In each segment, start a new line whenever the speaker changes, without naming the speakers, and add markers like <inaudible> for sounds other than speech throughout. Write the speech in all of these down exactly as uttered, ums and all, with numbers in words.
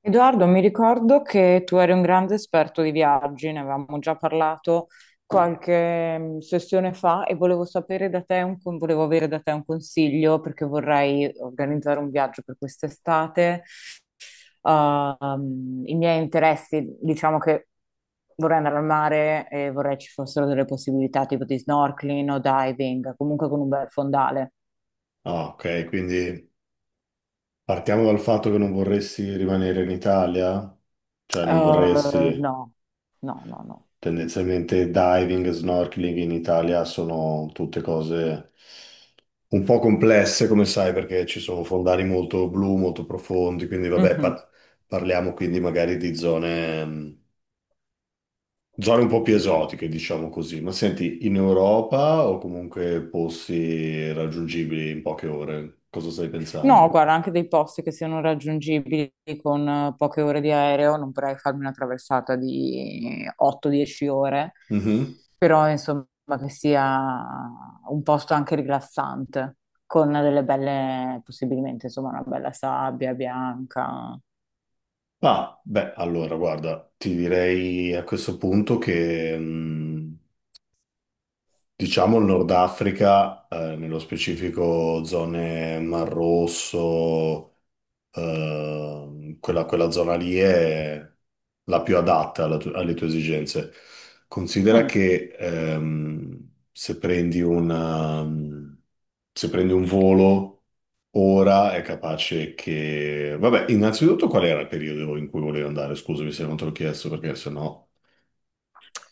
Edoardo, mi ricordo che tu eri un grande esperto di viaggi, ne avevamo già parlato qualche mm, sessione fa e volevo sapere da te un con- volevo avere da te un consiglio perché vorrei organizzare un viaggio per quest'estate. Ehm, I miei interessi, diciamo che vorrei andare al mare e vorrei ci fossero delle possibilità tipo di snorkeling o diving, comunque con un bel fondale.
Ah, ok, quindi partiamo dal fatto che non vorresti rimanere in Italia, cioè non
Eh,
vorresti.
no, no, no, no.
Tendenzialmente diving e snorkeling in Italia sono tutte cose un po' complesse, come sai, perché ci sono fondali molto blu, molto profondi, quindi vabbè,
Mhm.
par- parliamo quindi magari di zone, mh, zone un po' più esotiche, diciamo così. Ma senti, in Europa o comunque posti raggiungibili in poche ore, cosa stai pensando?
No, guarda, anche dei posti che siano raggiungibili con eh, poche ore di aereo, non vorrei farmi una traversata di 8-10 ore,
Mhm.
però insomma che sia un posto anche rilassante, con delle belle, possibilmente insomma una bella sabbia bianca.
Ah, beh, allora guarda, ti direi a questo punto che mh, diciamo il Nord Africa, eh, nello specifico zone Mar Rosso, Ehm, quella, quella zona lì è la più adatta alla tu- alle tue esigenze. Considera
Mm.
che ehm, se prendi una, se prendi un volo ora è capace che... Vabbè, innanzitutto qual era il periodo in cui volevi andare? Scusami se non te l'ho chiesto perché sennò...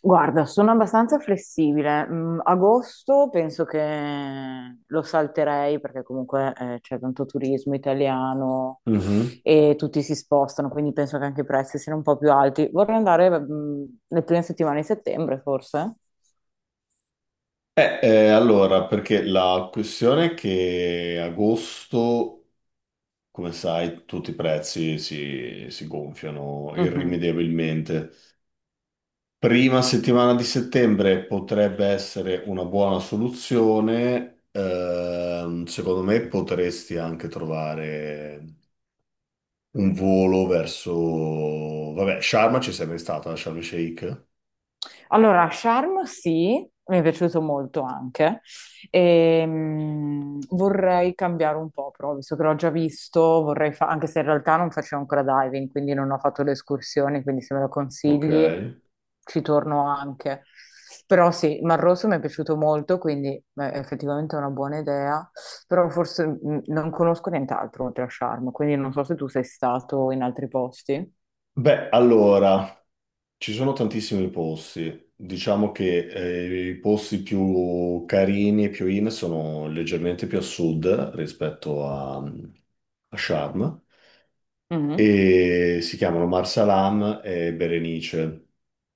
Guarda, sono abbastanza flessibile. Mm, agosto penso che lo salterei perché comunque eh, c'è tanto turismo italiano
Mhm.
e tutti si spostano, quindi penso che anche i prezzi siano un po' più alti. Vorrei andare mm, le prime settimane di settembre, forse.
Eh, eh, allora, perché la questione è che agosto, come sai, tutti i prezzi si, si gonfiano
Mhm.
irrimediabilmente. Prima settimana di settembre potrebbe essere una buona soluzione. Ehm, secondo me potresti anche trovare un volo verso... Vabbè, Sharma ci sei mai stata, Sharm el Sheikh?
Allora, Charm sì, mi è piaciuto molto anche. Ehm, vorrei cambiare un po', però, visto che l'ho già visto, vorrei fa- anche se in realtà non facevo ancora diving, quindi non ho fatto le escursioni, quindi se me lo
Ok.
consigli ci torno anche. Però sì, Mar Rosso mi è piaciuto molto, quindi beh, effettivamente è una buona idea, però forse mh, non conosco nient'altro oltre a Charm, quindi non so se tu sei stato in altri posti.
Beh, allora... Ci sono tantissimi posti, diciamo che eh, i posti più carini e più in sono leggermente più a sud rispetto a, a Sharm
Mhm.
e si chiamano Marsalam e Berenice. Ne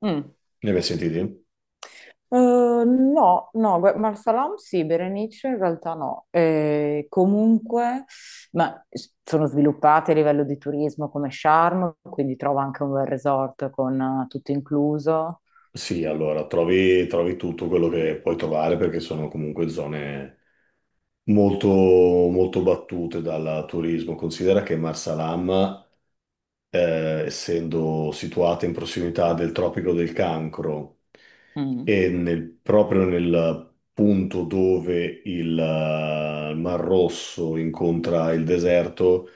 Mm.
hai mai sentiti?
Eh, no, no, gua- Marsalam sì, Berenice in realtà no. Eh, comunque, ma s- sono sviluppate a livello di turismo come Sharm, quindi trovo anche un bel resort con eh, tutto incluso.
Sì, allora trovi, trovi tutto quello che puoi trovare perché sono comunque zone molto, molto battute dal turismo. Considera che Marsalam, eh, essendo situata in prossimità del Tropico del Cancro
Mm.
e nel- proprio nel punto dove il eh, Mar Rosso incontra il deserto,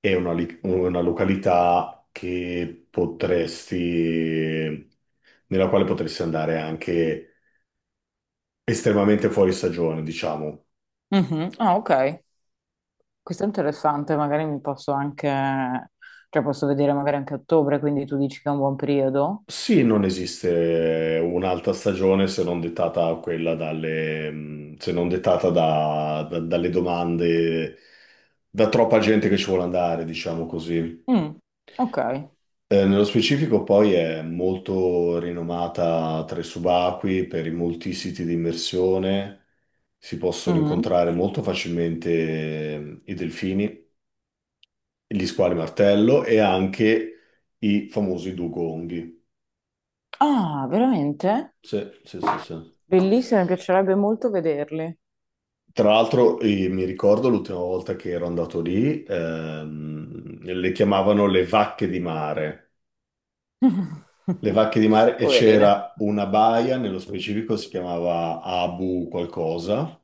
è una, li- una località che potresti, nella quale potresti andare anche estremamente fuori stagione, diciamo.
Mhm. Ah, ok. Questo è interessante, magari mi posso anche, cioè posso vedere magari anche a ottobre, quindi tu dici che è un buon periodo.
Sì, non esiste un'altra stagione se non dettata quella dalle, mh, se non dettata da- da- dalle domande, da troppa gente che ci vuole andare, diciamo così.
Mm. Ok.
Eh, nello specifico poi è molto rinomata tra i subacquei per i molti siti di immersione, si possono
Mhm.
incontrare molto facilmente eh, i delfini, gli squali martello e anche i famosi dugonghi.
Ah, veramente?
Sì, sì, sì, sì.
Bellissimo, mi piacerebbe molto vederli.
Tra l'altro, eh, mi ricordo l'ultima volta che ero andato lì, ehm, le chiamavano le vacche di mare. Le
<laughs>
vacche di mare, e
Poverine.
c'era una baia, nello specifico si chiamava Abu qualcosa,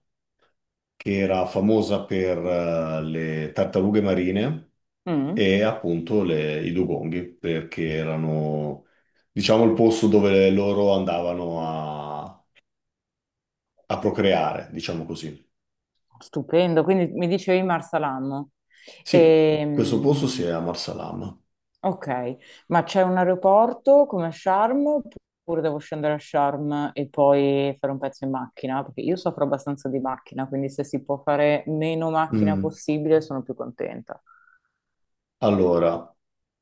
che era famosa per, eh, le tartarughe marine
Mm,
e appunto le- i dugonghi, perché erano, diciamo, il posto dove loro andavano a, a procreare, diciamo così.
Stupendo, quindi mi dicevi Marsalam.
Sì, questo posto si è
Ehm,
a Marsalam.
ok, ma c'è un aeroporto come a Sharm oppure devo scendere a Sharm e poi fare un pezzo in macchina? Perché io soffro abbastanza di macchina, quindi se si può fare meno macchina possibile sono più contenta.
Allora,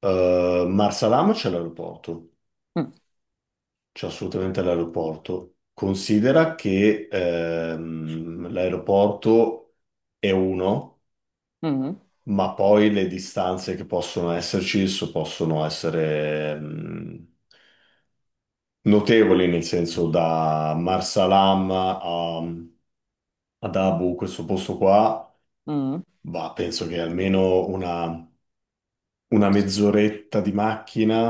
eh, Marsalam c'è l'aeroporto,
Mm,
c'è assolutamente l'aeroporto. Considera che ehm, l'aeroporto è uno,
mm,
ma poi le distanze che possono esserci so- possono essere ehm, notevoli, nel senso da Marsalam a, ad Abu, questo posto qua,
mm.
bah, penso che almeno una una mezz'oretta di macchina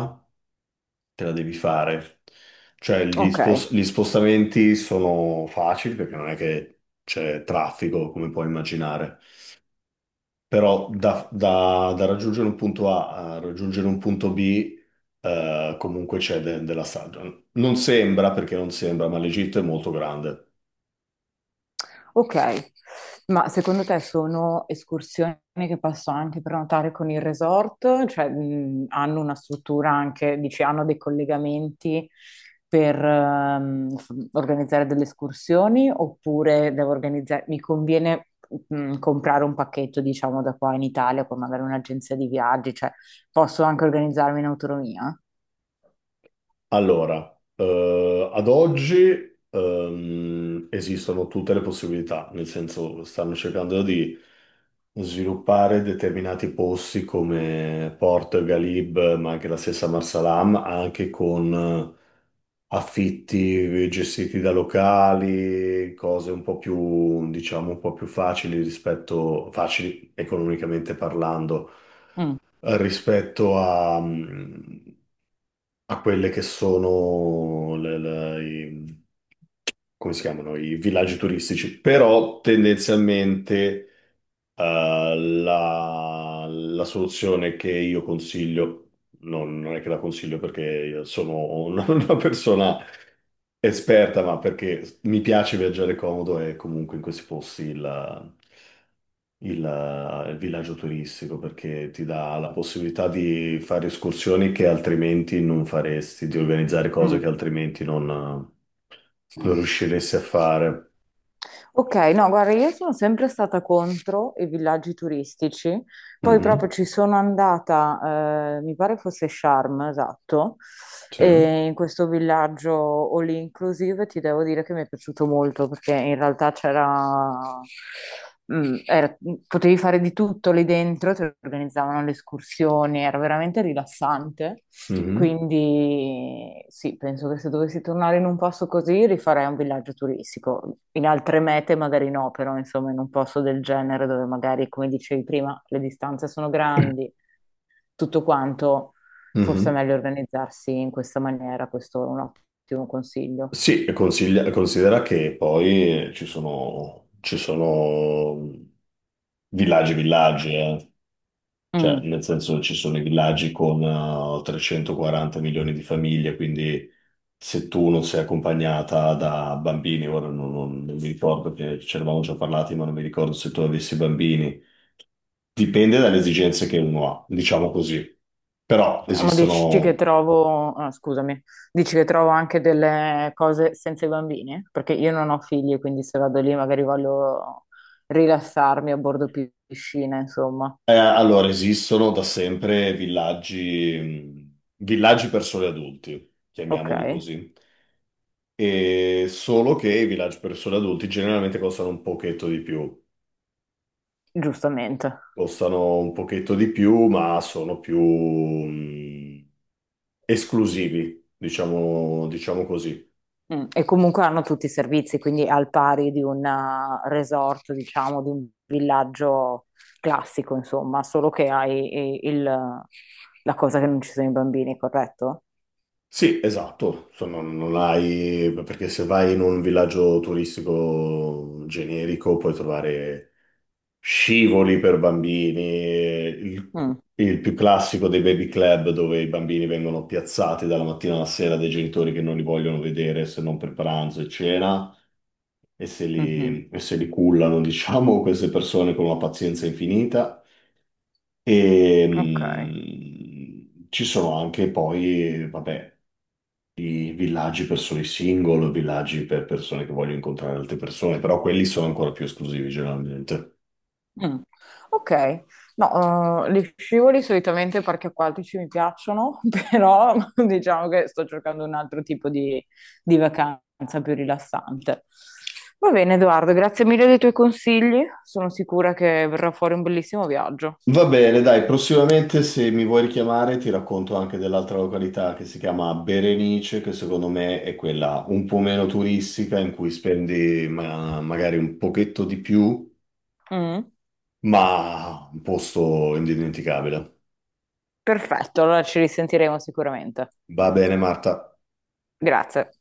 te la devi fare. Cioè, gli
Ok,
spos- gli spostamenti sono facili perché non è che c'è traffico, come puoi immaginare. Però da, da- da raggiungere un punto A a raggiungere un punto B, eh, comunque c'è de- della strada. Non sembra, perché non sembra, ma l'Egitto è molto grande.
Ok, ma secondo te sono escursioni che posso anche prenotare con il resort? Cioè, mh, hanno una struttura anche, dici, hanno dei collegamenti per ehm, f- organizzare delle escursioni oppure devo organizzare, mi conviene mh, comprare un pacchetto, diciamo, da qua in Italia con magari un'agenzia di viaggi, cioè posso anche organizzarmi in autonomia?
Allora, eh, ad oggi ehm, esistono tutte le possibilità, nel senso stanno cercando di sviluppare determinati posti come Porto e Galib, ma anche la stessa Marsalam, anche con eh, affitti gestiti da locali, cose un po' più, diciamo, un po' più facili rispetto, facili economicamente parlando,
Mm,
eh, rispetto a, mm, a quelle che sono le- le- i, come si chiamano, i villaggi turistici, però tendenzialmente eh, la, la soluzione che io consiglio, non, non è che la consiglio perché io sono una, <laughs> una persona esperta, ma perché mi piace viaggiare comodo e comunque in questi posti la- il, eh, il villaggio turistico perché ti dà la possibilità di fare escursioni che altrimenti non faresti, di organizzare cose che altrimenti non, non
mm.
riusciresti a fare.
Ok, no, guarda, io sono sempre stata contro i villaggi turistici, poi proprio
Mhm.
ci sono andata, eh, mi pare fosse Sharm, esatto,
Sì.
e in questo villaggio all inclusive ti devo dire che mi è piaciuto molto perché in realtà c'era, mm, era- potevi fare di tutto lì dentro, ti organizzavano le escursioni, era veramente rilassante.
Mhm,
Quindi sì, penso che se dovessi tornare in un posto così rifarei un villaggio turistico. In altre mete magari no, però insomma in un posto del genere dove magari, come dicevi prima, le distanze sono grandi, tutto quanto, forse è
mhm.
meglio organizzarsi in questa maniera, questo è un ottimo consiglio.
Sì, e consiglia- considera che poi ci sono, ci sono villaggi, villaggi, eh. Cioè,
Mm.
nel senso ci sono i villaggi con eh, trecentoquaranta milioni di famiglie, quindi se tu non sei accompagnata da bambini, ora non, non- non mi ricordo, perché ce ne avevamo già parlati, ma non mi ricordo se tu avessi bambini. Dipende dalle esigenze che uno ha, diciamo così. Però
Ma dici che
esistono,
trovo, ah, scusami, dici che trovo anche delle cose senza i bambini? Perché io non ho figli, quindi se vado lì magari voglio rilassarmi a bordo pi- piscina, insomma.
eh, allora, esistono da sempre villaggi, mh, villaggi per soli adulti,
Ok,
chiamiamoli così. E solo che i villaggi per soli adulti generalmente costano un pochetto di più.
giustamente.
Costano un pochetto di più, ma sono più mh, esclusivi, diciamo, diciamo così.
Mm, E comunque hanno tutti i servizi, quindi al pari di un eh, resort, diciamo, di un villaggio classico, insomma, solo che hai i- il, la cosa che non ci sono i bambini, corretto?
Sì, esatto. Insomma, non non hai, perché se vai in un villaggio turistico generico puoi trovare scivoli per bambini, il,
Mm,
il più classico dei baby club dove i bambini vengono piazzati dalla mattina alla sera dai genitori che non li vogliono vedere se non per pranzo e cena, e se
mhm,
li, e se li cullano, <laughs> diciamo, queste persone con una pazienza infinita. E
Ok.
mh, ci sono anche poi, vabbè, i villaggi per soli single, villaggi per persone che vogliono incontrare altre persone, però quelli sono ancora più esclusivi generalmente.
Mm. Ok, no, eh, li scivoli solitamente parchi acquatici mi piacciono, <laughs> però diciamo che sto cercando un altro tipo di, di vacanza più rilassante. Va bene, Edoardo, grazie mille dei tuoi consigli, sono sicura che verrà fuori un bellissimo viaggio.
Va bene, dai, prossimamente se mi vuoi richiamare ti racconto anche dell'altra località che si chiama Berenice, che secondo me è quella un po' meno turistica, in cui spendi ma- magari un pochetto di più
Mm.
ma un posto indimenticabile.
Perfetto, allora ci risentiremo sicuramente.
Va bene, Marta.
Grazie.